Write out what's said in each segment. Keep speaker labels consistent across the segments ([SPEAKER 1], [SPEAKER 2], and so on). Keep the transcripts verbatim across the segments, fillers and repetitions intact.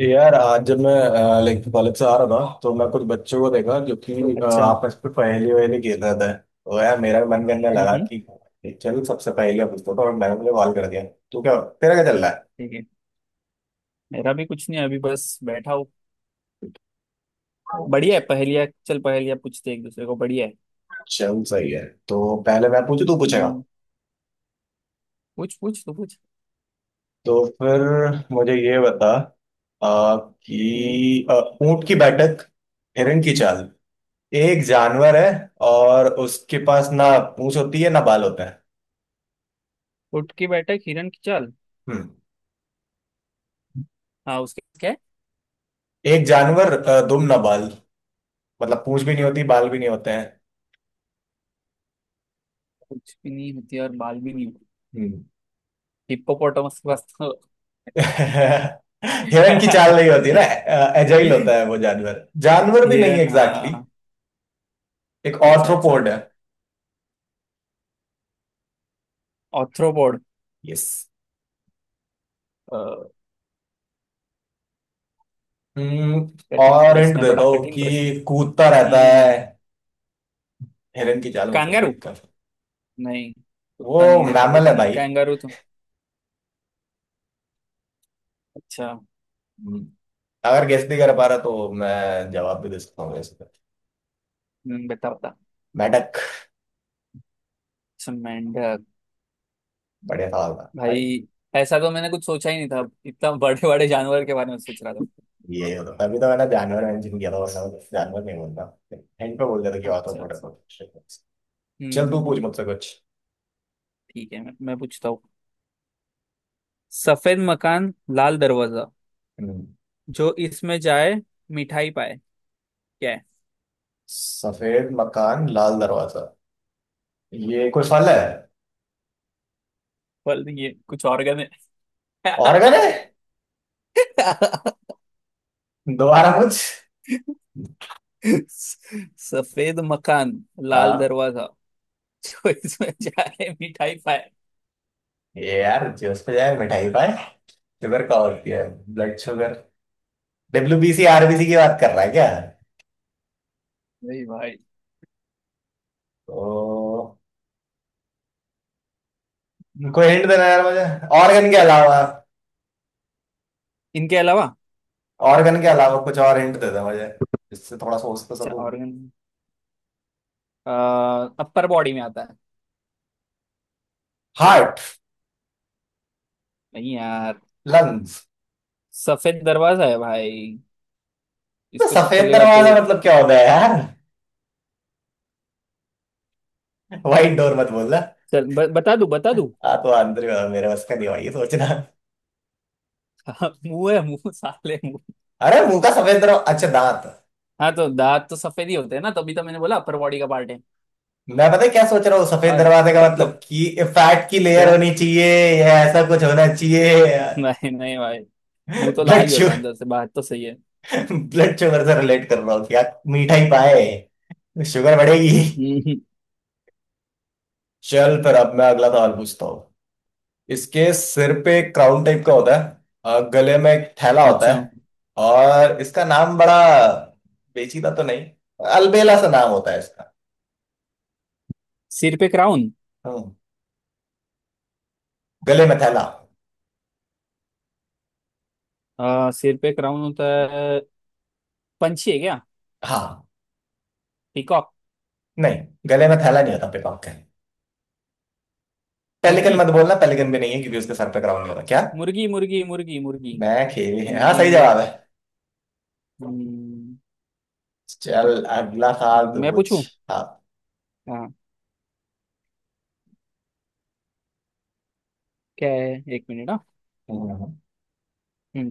[SPEAKER 1] यार, आज जब मैं लाइक कॉलेज से आ रहा था तो मैं कुछ बच्चों को देखा जो कि अ,
[SPEAKER 2] अच्छा।
[SPEAKER 1] आपस में पहेली वहेली खेल रहे थे। तो यार, मेरा भी मन करने लगा
[SPEAKER 2] हम्म।
[SPEAKER 1] कि चल सबसे पहेलियां पूछता हूँ और मैंने मुझे कॉल कर दिया। तो क्या तेरा क्या चल रहा है।
[SPEAKER 2] ठीक है। मेरा भी कुछ नहीं है, अभी बस बैठा हूँ। बढ़िया है, पहेलिया चल पहेलिया पूछते एक दूसरे को, बढ़िया है।
[SPEAKER 1] चल सही है। तो पहले मैं पूछू, तू पूछेगा।
[SPEAKER 2] हम्म। पूछ पूछ तो पूछ।
[SPEAKER 1] तो फिर मुझे ये बता अ,
[SPEAKER 2] हम्म।
[SPEAKER 1] कि अ, ऊंट की बैठक, हिरण की चाल, एक जानवर है और उसके पास ना पूंछ होती है, ना बाल होता है।
[SPEAKER 2] उठ के बैठा एक हिरन की चाल।
[SPEAKER 1] हम्म।
[SPEAKER 2] हाँ, उसके क्या है?
[SPEAKER 1] एक जानवर, अ, दुम ना बाल, मतलब पूंछ भी नहीं होती, बाल भी नहीं होते हैं।
[SPEAKER 2] कुछ भी नहीं होती और बाल भी नहीं होती।
[SPEAKER 1] हम्म।
[SPEAKER 2] हिप्पोपोटामस के पास तो।
[SPEAKER 1] हिरन की चाल नहीं होती ना। एजाइल होता है वो। जानवर जानवर भी नहीं
[SPEAKER 2] हिरन।
[SPEAKER 1] एग्जैक्टली exactly,
[SPEAKER 2] हाँ।
[SPEAKER 1] एक
[SPEAKER 2] अच्छा अच्छा।
[SPEAKER 1] ऑर्थ्रोपोड है।
[SPEAKER 2] ऑर्थ्रोपोड।
[SPEAKER 1] यस।
[SPEAKER 2] अ, कठिन
[SPEAKER 1] और हिंट
[SPEAKER 2] प्रश्न है,
[SPEAKER 1] देता
[SPEAKER 2] बड़ा
[SPEAKER 1] हूँ
[SPEAKER 2] कठिन प्रश्न।
[SPEAKER 1] कि कूदता रहता है,
[SPEAKER 2] हम्म।
[SPEAKER 1] हिरन की चाल मतलब
[SPEAKER 2] कांगारू।
[SPEAKER 1] लिखकर।
[SPEAKER 2] नहीं।
[SPEAKER 1] वो
[SPEAKER 2] कुत्ता नहीं रहता भाई।
[SPEAKER 1] मैमल है
[SPEAKER 2] कां,
[SPEAKER 1] भाई।
[SPEAKER 2] कांगारू तो। अच्छा।
[SPEAKER 1] हम्म, अगर गेस नहीं कर पा रहा तो मैं जवाब भी दे सकता हूँ इस पे।
[SPEAKER 2] हम्म, बता बता।
[SPEAKER 1] मेंढक।
[SPEAKER 2] अच्छा मेंढक।
[SPEAKER 1] बढ़िया सवाल था भाई।
[SPEAKER 2] भाई, ऐसा तो मैंने कुछ सोचा ही नहीं था, इतना बड़े बड़े जानवर के बारे में सोच रहा था।
[SPEAKER 1] ये होता, तभी तो मैंने जानवर मेंशन किया था, वरना मैं जानवर नहीं बोलता, हिंट पे बोल देता कि
[SPEAKER 2] अच्छा
[SPEAKER 1] ऑर्थ्रोपोड है।
[SPEAKER 2] अच्छा।
[SPEAKER 1] तो।
[SPEAKER 2] हम्म
[SPEAKER 1] चल,
[SPEAKER 2] हम्म,
[SPEAKER 1] तू पूछ
[SPEAKER 2] हम्म।
[SPEAKER 1] मुझसे कुछ।
[SPEAKER 2] ठीक है, मैं, मैं पूछता हूँ। सफेद मकान, लाल दरवाजा।
[SPEAKER 1] हम्म,
[SPEAKER 2] जो इसमें जाए, मिठाई पाए। क्या है?
[SPEAKER 1] सफेद मकान लाल दरवाजा, ये कोई फल है।
[SPEAKER 2] फल नहीं है, कुछ ऑर्गन है।
[SPEAKER 1] ऑर्गन है। दोबारा पूछ।
[SPEAKER 2] सफेद मकान, लाल
[SPEAKER 1] हाँ।
[SPEAKER 2] दरवाजा। जो इसमें जाए, मिठाई पाए।
[SPEAKER 1] ये यार जो उस पे जाए मिठाई पाए, शुगर का होती है, ब्लड शुगर। डब्ल्यू आरबीसी की बात कर रहा है क्या।
[SPEAKER 2] नहीं भाई।
[SPEAKER 1] तो कोई हिंट देना यार मुझे, ऑर्गन के अलावा।
[SPEAKER 2] इनके अलावा।
[SPEAKER 1] ऑर्गन के अलावा कुछ और हिंट दे दे मुझे, जिससे थोड़ा सोच तो
[SPEAKER 2] अच्छा।
[SPEAKER 1] सकूं।
[SPEAKER 2] ऑर्गन। अपर बॉडी में आता है।
[SPEAKER 1] हार्ट।
[SPEAKER 2] नहीं यार।
[SPEAKER 1] लंग्स।
[SPEAKER 2] सफेद दरवाजा है भाई। इसको तू
[SPEAKER 1] सफेद
[SPEAKER 2] खोलेगा तो।
[SPEAKER 1] दरवाजा मतलब क्या होता है यार। वाइट डोर मत बोलना।
[SPEAKER 2] चल, ब, बता दू बता दू।
[SPEAKER 1] हाँ तो आंतरिक मेरे बस का नहीं हुआ ये सोचना।
[SPEAKER 2] हाँ, मुंह है, मुंह साले मुंह।
[SPEAKER 1] अरे, मुंह का सफेद दरवाजा, अच्छा दांत।
[SPEAKER 2] हाँ, तो दांत तो सफेद ही होते हैं ना, तभी तो मैंने बोला अपर बॉडी का पार्ट है।
[SPEAKER 1] मैं, पता है क्या सोच रहा हूँ? सफेद
[SPEAKER 2] और
[SPEAKER 1] दरवाजे का
[SPEAKER 2] टंग तो?
[SPEAKER 1] मतलब कि फैट की लेयर
[SPEAKER 2] क्या?
[SPEAKER 1] होनी चाहिए या ऐसा कुछ होना चाहिए।
[SPEAKER 2] नहीं नहीं भाई। मुंह तो लाल
[SPEAKER 1] ब्लड
[SPEAKER 2] ही होता है
[SPEAKER 1] शुगर,
[SPEAKER 2] अंदर से, बाहर तो सही है।
[SPEAKER 1] ब्लड शुगर से रिलेट कर रहा हूँ क्या। मीठा ही पाए, शुगर बढ़ेगी।
[SPEAKER 2] हम्म,
[SPEAKER 1] चल फिर, अब मैं अगला सवाल पूछता हूँ। इसके सिर पे एक क्राउन टाइप का होता है और गले में एक थैला होता
[SPEAKER 2] अच्छा।
[SPEAKER 1] है। और इसका नाम बड़ा पेचीदा तो नहीं, अलबेला सा नाम होता है इसका।
[SPEAKER 2] सिर पे क्राउन।
[SPEAKER 1] हम्म, गले में थैला।
[SPEAKER 2] आ, सिर पे क्राउन होता है। पंछी है क्या?
[SPEAKER 1] हाँ।
[SPEAKER 2] पीकॉक।
[SPEAKER 1] नहीं, गले में थैला नहीं होता पिकॉक के। पेलिकन
[SPEAKER 2] मुर्गी
[SPEAKER 1] मत बोलना, पेलिकन भी नहीं है क्योंकि उसके सर पे क्राउन नहीं होता क्या।
[SPEAKER 2] मुर्गी मुर्गी मुर्गी मुर्गी।
[SPEAKER 1] मैं खेली है। हाँ,
[SPEAKER 2] मुर्गी
[SPEAKER 1] सही
[SPEAKER 2] मेला।
[SPEAKER 1] जवाब है।
[SPEAKER 2] हम्म,
[SPEAKER 1] चल, अगला सवाल तू
[SPEAKER 2] मैं
[SPEAKER 1] पूछ।
[SPEAKER 2] पूछूं?
[SPEAKER 1] हाँ।
[SPEAKER 2] हाँ। क्या है, एक मिनट, हाँ।
[SPEAKER 1] हम्म,
[SPEAKER 2] हम्म,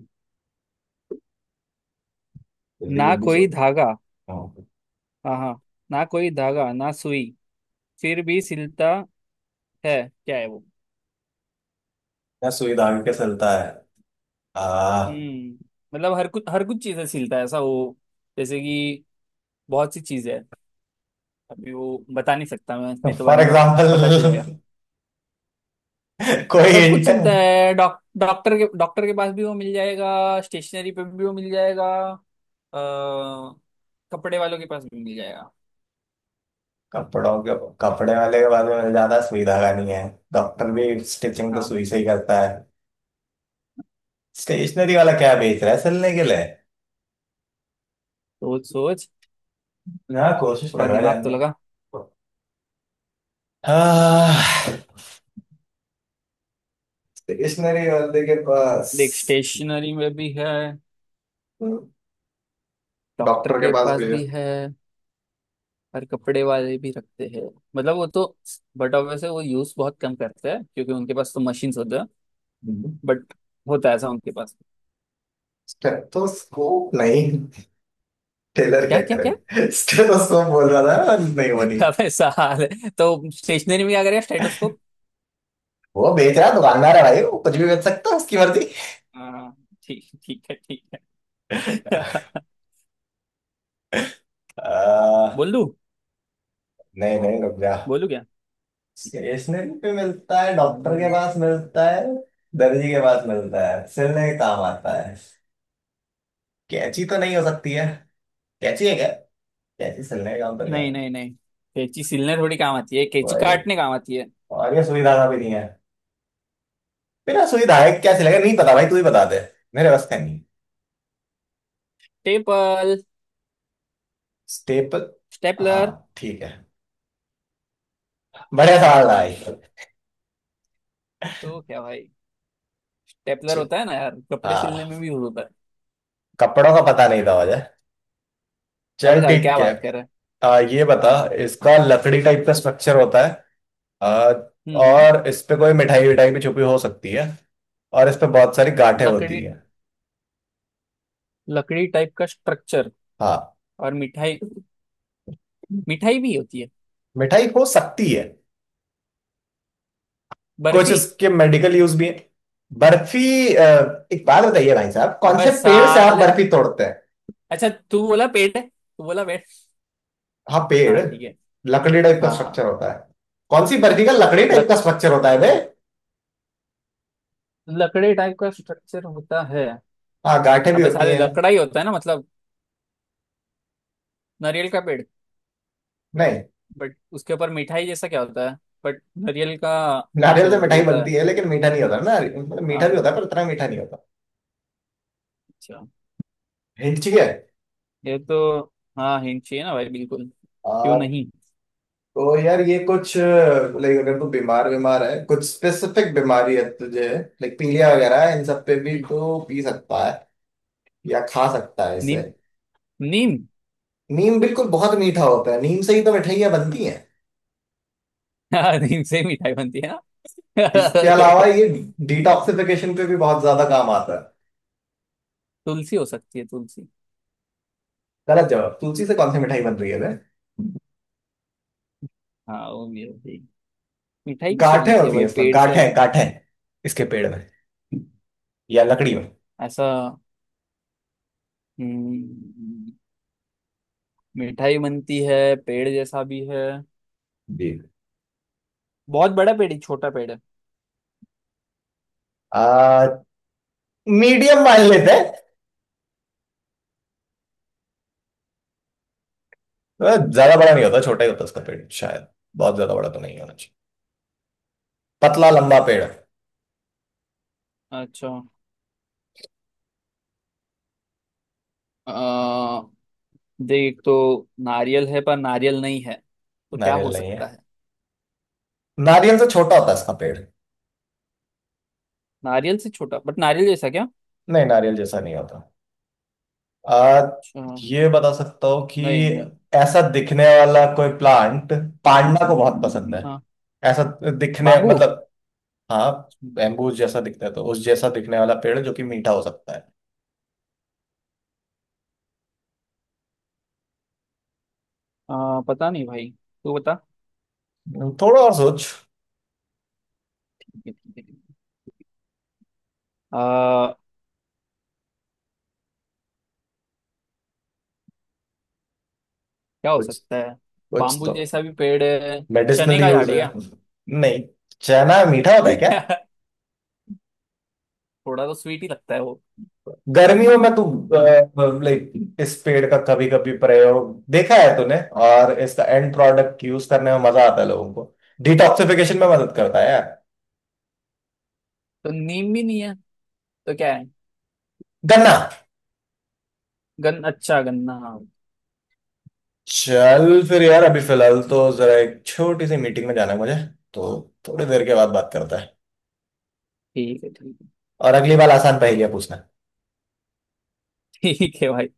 [SPEAKER 1] जल्दी
[SPEAKER 2] ना
[SPEAKER 1] जल्दी
[SPEAKER 2] कोई
[SPEAKER 1] सोच।
[SPEAKER 2] धागा।
[SPEAKER 1] हाँ।
[SPEAKER 2] हाँ हाँ। ना कोई धागा ना सुई, फिर भी सिलता है। क्या है वो?
[SPEAKER 1] क्या सुई धागे के चलता है? आ
[SPEAKER 2] हम्म मतलब हर कुछ हर कुछ चीजें सिलता है ऐसा वो। जैसे कि बहुत सी चीजें हैं। अभी वो बता नहीं सकता मैं, नहीं तो बाद
[SPEAKER 1] फॉर
[SPEAKER 2] में वो पता चल जाएगा।
[SPEAKER 1] एग्जाम्पल। कोई
[SPEAKER 2] सब कुछ
[SPEAKER 1] हिंट।
[SPEAKER 2] सिलता है। डॉक डॉक्टर के डॉक्टर के पास भी वो मिल जाएगा, स्टेशनरी पे भी वो मिल जाएगा, अ, कपड़े वालों के पास भी मिल जाएगा।
[SPEAKER 1] कपड़ों के? कपड़े वाले के पास में मिल जाता है, सुई धागा नहीं है। डॉक्टर भी स्टिचिंग तो
[SPEAKER 2] हाँ।
[SPEAKER 1] सुई से ही करता है। स्टेशनरी वाला क्या बेच रहा है सिलने के लिए?
[SPEAKER 2] सोच सोच,
[SPEAKER 1] हाँ, कोशिश कर
[SPEAKER 2] थोड़ा
[SPEAKER 1] रहा है
[SPEAKER 2] दिमाग तो
[SPEAKER 1] जानने की।
[SPEAKER 2] लगा।
[SPEAKER 1] हाँ, स्टेशनरी वाले के पास?
[SPEAKER 2] देख, स्टेशनरी में भी है, डॉक्टर
[SPEAKER 1] डॉक्टर के
[SPEAKER 2] के
[SPEAKER 1] पास
[SPEAKER 2] पास
[SPEAKER 1] भेजा।
[SPEAKER 2] भी है, और कपड़े वाले भी रखते हैं। मतलब वो तो। बट वैसे वो यूज बहुत कम करते हैं क्योंकि उनके पास तो मशीन्स होते हैं। बट होता है ऐसा उनके पास।
[SPEAKER 1] स्टेथोस्कोप नहीं? टेलर क्या
[SPEAKER 2] क्या क्या क्या?
[SPEAKER 1] करे स्टेथोस्कोप बोल रहा था। नहीं वो नहीं।
[SPEAKER 2] अब ऐसा हाल है तो स्टेशनरी में क्या करेगा स्टेटोस्कोप।
[SPEAKER 1] वो बेच रहा, दुकानदार है भाई, वो कुछ भी बेच सकता है, उसकी मर्जी।
[SPEAKER 2] हाँ, ठीक ठीक है, ठीक है।
[SPEAKER 1] आ,
[SPEAKER 2] बोल दू?
[SPEAKER 1] नहीं नहीं, रुक जा।
[SPEAKER 2] बोलू क्या? ठीक है, ठीक
[SPEAKER 1] स्टेशनरी पे मिलता है,
[SPEAKER 2] है।
[SPEAKER 1] डॉक्टर
[SPEAKER 2] अरे,
[SPEAKER 1] के पास मिलता है, दर्जी के पास मिलता है, सिलने के काम आता है। कैंची तो नहीं हो सकती है। कैंची है क्या? कैंची सिलने के काम तो नहीं है।
[SPEAKER 2] नहीं नहीं नहीं। कैंची सिलने थोड़ी काम आती है, कैंची
[SPEAKER 1] वही,
[SPEAKER 2] काटने काम आती है।
[SPEAKER 1] और ये सुई धागा भी नहीं है। बिना सुई धागे क्या सिलेगा? नहीं पता भाई, तू ही बता दे, मेरे बस का नहीं है।
[SPEAKER 2] Tepal
[SPEAKER 1] staple.
[SPEAKER 2] स्टेपलर।
[SPEAKER 1] हाँ, ठीक है, बढ़िया सवाल था भाई।
[SPEAKER 2] हम्म। तो क्या भाई, स्टेपलर
[SPEAKER 1] च-
[SPEAKER 2] होता है ना यार, कपड़े सिलने
[SPEAKER 1] हाँ,
[SPEAKER 2] में भी यूज होता है।
[SPEAKER 1] कपड़ों का पता नहीं था मुझे।
[SPEAKER 2] अभी
[SPEAKER 1] चल
[SPEAKER 2] साल क्या
[SPEAKER 1] ठीक है।
[SPEAKER 2] बात कर रहे हैं।
[SPEAKER 1] आ, ये बता,
[SPEAKER 2] हाँ।
[SPEAKER 1] इसका लकड़ी टाइप का स्ट्रक्चर होता है। आ,
[SPEAKER 2] हम्म हम्म।
[SPEAKER 1] और इस पे कोई मिठाई विठाई भी छुपी हो सकती है, और इस पे बहुत सारी गांठें होती
[SPEAKER 2] लकड़ी।
[SPEAKER 1] है।
[SPEAKER 2] लकड़ी टाइप का स्ट्रक्चर।
[SPEAKER 1] हाँ,
[SPEAKER 2] और मिठाई। मिठाई भी होती है।
[SPEAKER 1] मिठाई हो सकती है। कुछ
[SPEAKER 2] बर्फी।
[SPEAKER 1] इसके मेडिकल यूज भी है। बर्फी? आ, एक बात बताइए भाई साहब, कौन
[SPEAKER 2] अबे
[SPEAKER 1] से पेड़ से आप
[SPEAKER 2] साले।
[SPEAKER 1] बर्फी तोड़ते?
[SPEAKER 2] अच्छा तू बोला पेट है, तू बोला पेट।
[SPEAKER 1] हाँ, पेड़।
[SPEAKER 2] हाँ ठीक है।
[SPEAKER 1] लकड़ी टाइप का
[SPEAKER 2] हाँ।
[SPEAKER 1] स्ट्रक्चर होता है। कौन सी बर्फी का लकड़ी टाइप
[SPEAKER 2] लक,
[SPEAKER 1] का स्ट्रक्चर होता है बे?
[SPEAKER 2] लकड़ी टाइप का स्ट्रक्चर होता है।
[SPEAKER 1] हाँ, गांठें भी
[SPEAKER 2] अबे
[SPEAKER 1] होती
[SPEAKER 2] साले,
[SPEAKER 1] हैं।
[SPEAKER 2] लकड़ा ही होता है ना मतलब। नारियल का पेड़।
[SPEAKER 1] नहीं।
[SPEAKER 2] बट उसके ऊपर मिठाई जैसा क्या होता है? बट नारियल का
[SPEAKER 1] नारियल
[SPEAKER 2] जो
[SPEAKER 1] से
[SPEAKER 2] वो
[SPEAKER 1] मिठाई
[SPEAKER 2] होता
[SPEAKER 1] बनती
[SPEAKER 2] है।
[SPEAKER 1] है लेकिन मीठा नहीं होता ना, मतलब मीठा भी
[SPEAKER 2] हाँ।
[SPEAKER 1] होता है पर इतना मीठा नहीं होता।
[SPEAKER 2] अच्छा।
[SPEAKER 1] हिंट चाहिए?
[SPEAKER 2] ये तो। हाँ, हिंट चाहिए ना भाई, बिल्कुल। क्यों
[SPEAKER 1] आ,
[SPEAKER 2] नहीं?
[SPEAKER 1] तो यार ये कुछ लाइक अगर तू बीमार बीमार है, कुछ स्पेसिफिक बीमारी है तुझे, लाइक पीलिया वगैरह है, इन सब पे भी
[SPEAKER 2] हम्म।
[SPEAKER 1] तो पी सकता है या खा सकता है इसे।
[SPEAKER 2] नीम। नीम।
[SPEAKER 1] नीम? बिल्कुल, बहुत मीठा होता है, नीम से ही तो मिठाइयाँ बनती हैं।
[SPEAKER 2] हाँ, नीम से मिठाई बनती है।
[SPEAKER 1] इसके अलावा ये डिटॉक्सिफिकेशन पे भी बहुत ज्यादा काम आता है।
[SPEAKER 2] तुलसी हो सकती है, तुलसी।
[SPEAKER 1] गलत जवाब, तुलसी से कौन सी मिठाई बन रही है बे?
[SPEAKER 2] हाँ, वो भी होती है। मिठाई किससे
[SPEAKER 1] गांठें
[SPEAKER 2] बनती है
[SPEAKER 1] होती है
[SPEAKER 2] भाई,
[SPEAKER 1] इसमें,
[SPEAKER 2] पेड़ से ऐसा?
[SPEAKER 1] गांठें गांठें, इसके पेड़ में या लकड़ी में।
[SPEAKER 2] ऐसा। हम्म, मिठाई बनती है, पेड़ जैसा भी है।
[SPEAKER 1] जी।
[SPEAKER 2] बहुत बड़ा पेड़ है, छोटा पेड़ है?
[SPEAKER 1] आ, मीडियम मान लेते हैं। अ, ज्यादा बड़ा नहीं होता, छोटा ही होता उसका पेड़ शायद, बहुत ज्यादा बड़ा तो नहीं होना चाहिए। पतला लंबा पेड़ है।
[SPEAKER 2] अच्छा। आ, देख तो। नारियल है पर नारियल नहीं है, तो क्या
[SPEAKER 1] नारियल
[SPEAKER 2] हो
[SPEAKER 1] नहीं
[SPEAKER 2] सकता
[SPEAKER 1] है।
[SPEAKER 2] है?
[SPEAKER 1] नारियल से छोटा होता है इसका पेड़।
[SPEAKER 2] नारियल से छोटा, बट नारियल जैसा क्या?
[SPEAKER 1] नहीं नारियल जैसा नहीं होता। आ,
[SPEAKER 2] अच्छा,
[SPEAKER 1] ये बता सकता हूँ कि
[SPEAKER 2] नहीं नहीं।
[SPEAKER 1] ऐसा दिखने वाला कोई प्लांट पांडा को बहुत पसंद है,
[SPEAKER 2] हाँ।
[SPEAKER 1] ऐसा। दिखने
[SPEAKER 2] बाम्बू।
[SPEAKER 1] मतलब, हाँ बैम्बू जैसा दिखता है, तो उस जैसा दिखने वाला पेड़ जो कि मीठा हो सकता है।
[SPEAKER 2] आ, पता नहीं भाई, तू बता।
[SPEAKER 1] हम्म, थोड़ा और सोच।
[SPEAKER 2] आ, क्या हो
[SPEAKER 1] कुछ,
[SPEAKER 2] सकता है?
[SPEAKER 1] कुछ
[SPEAKER 2] बाम्बू
[SPEAKER 1] तो
[SPEAKER 2] जैसा भी पेड़ है। चने
[SPEAKER 1] मेडिसिनल
[SPEAKER 2] का झाड़
[SPEAKER 1] यूज
[SPEAKER 2] है
[SPEAKER 1] है।
[SPEAKER 2] क्या?
[SPEAKER 1] नहीं। चना मीठा होता है क्या?
[SPEAKER 2] थोड़ा तो स्वीट ही लगता है वो।
[SPEAKER 1] गर्मियों में तू, लाइक इस पेड़ का कभी कभी प्रयोग देखा है तूने, और इसका एंड प्रोडक्ट यूज करने में मजा आता है लोगों को, डिटॉक्सिफिकेशन में मदद करता है यार।
[SPEAKER 2] तो नीम भी नहीं है, तो क्या है?
[SPEAKER 1] गन्ना।
[SPEAKER 2] गन अच्छा गन्ना।
[SPEAKER 1] चल फिर यार, अभी फिलहाल तो जरा एक छोटी सी मीटिंग में जाना है मुझे, तो थोड़ी देर के बाद बात करता है।
[SPEAKER 2] ठीक है। ठीक
[SPEAKER 1] और अगली बार आसान पहेलियां पूछना।
[SPEAKER 2] है। ठीक है भाई।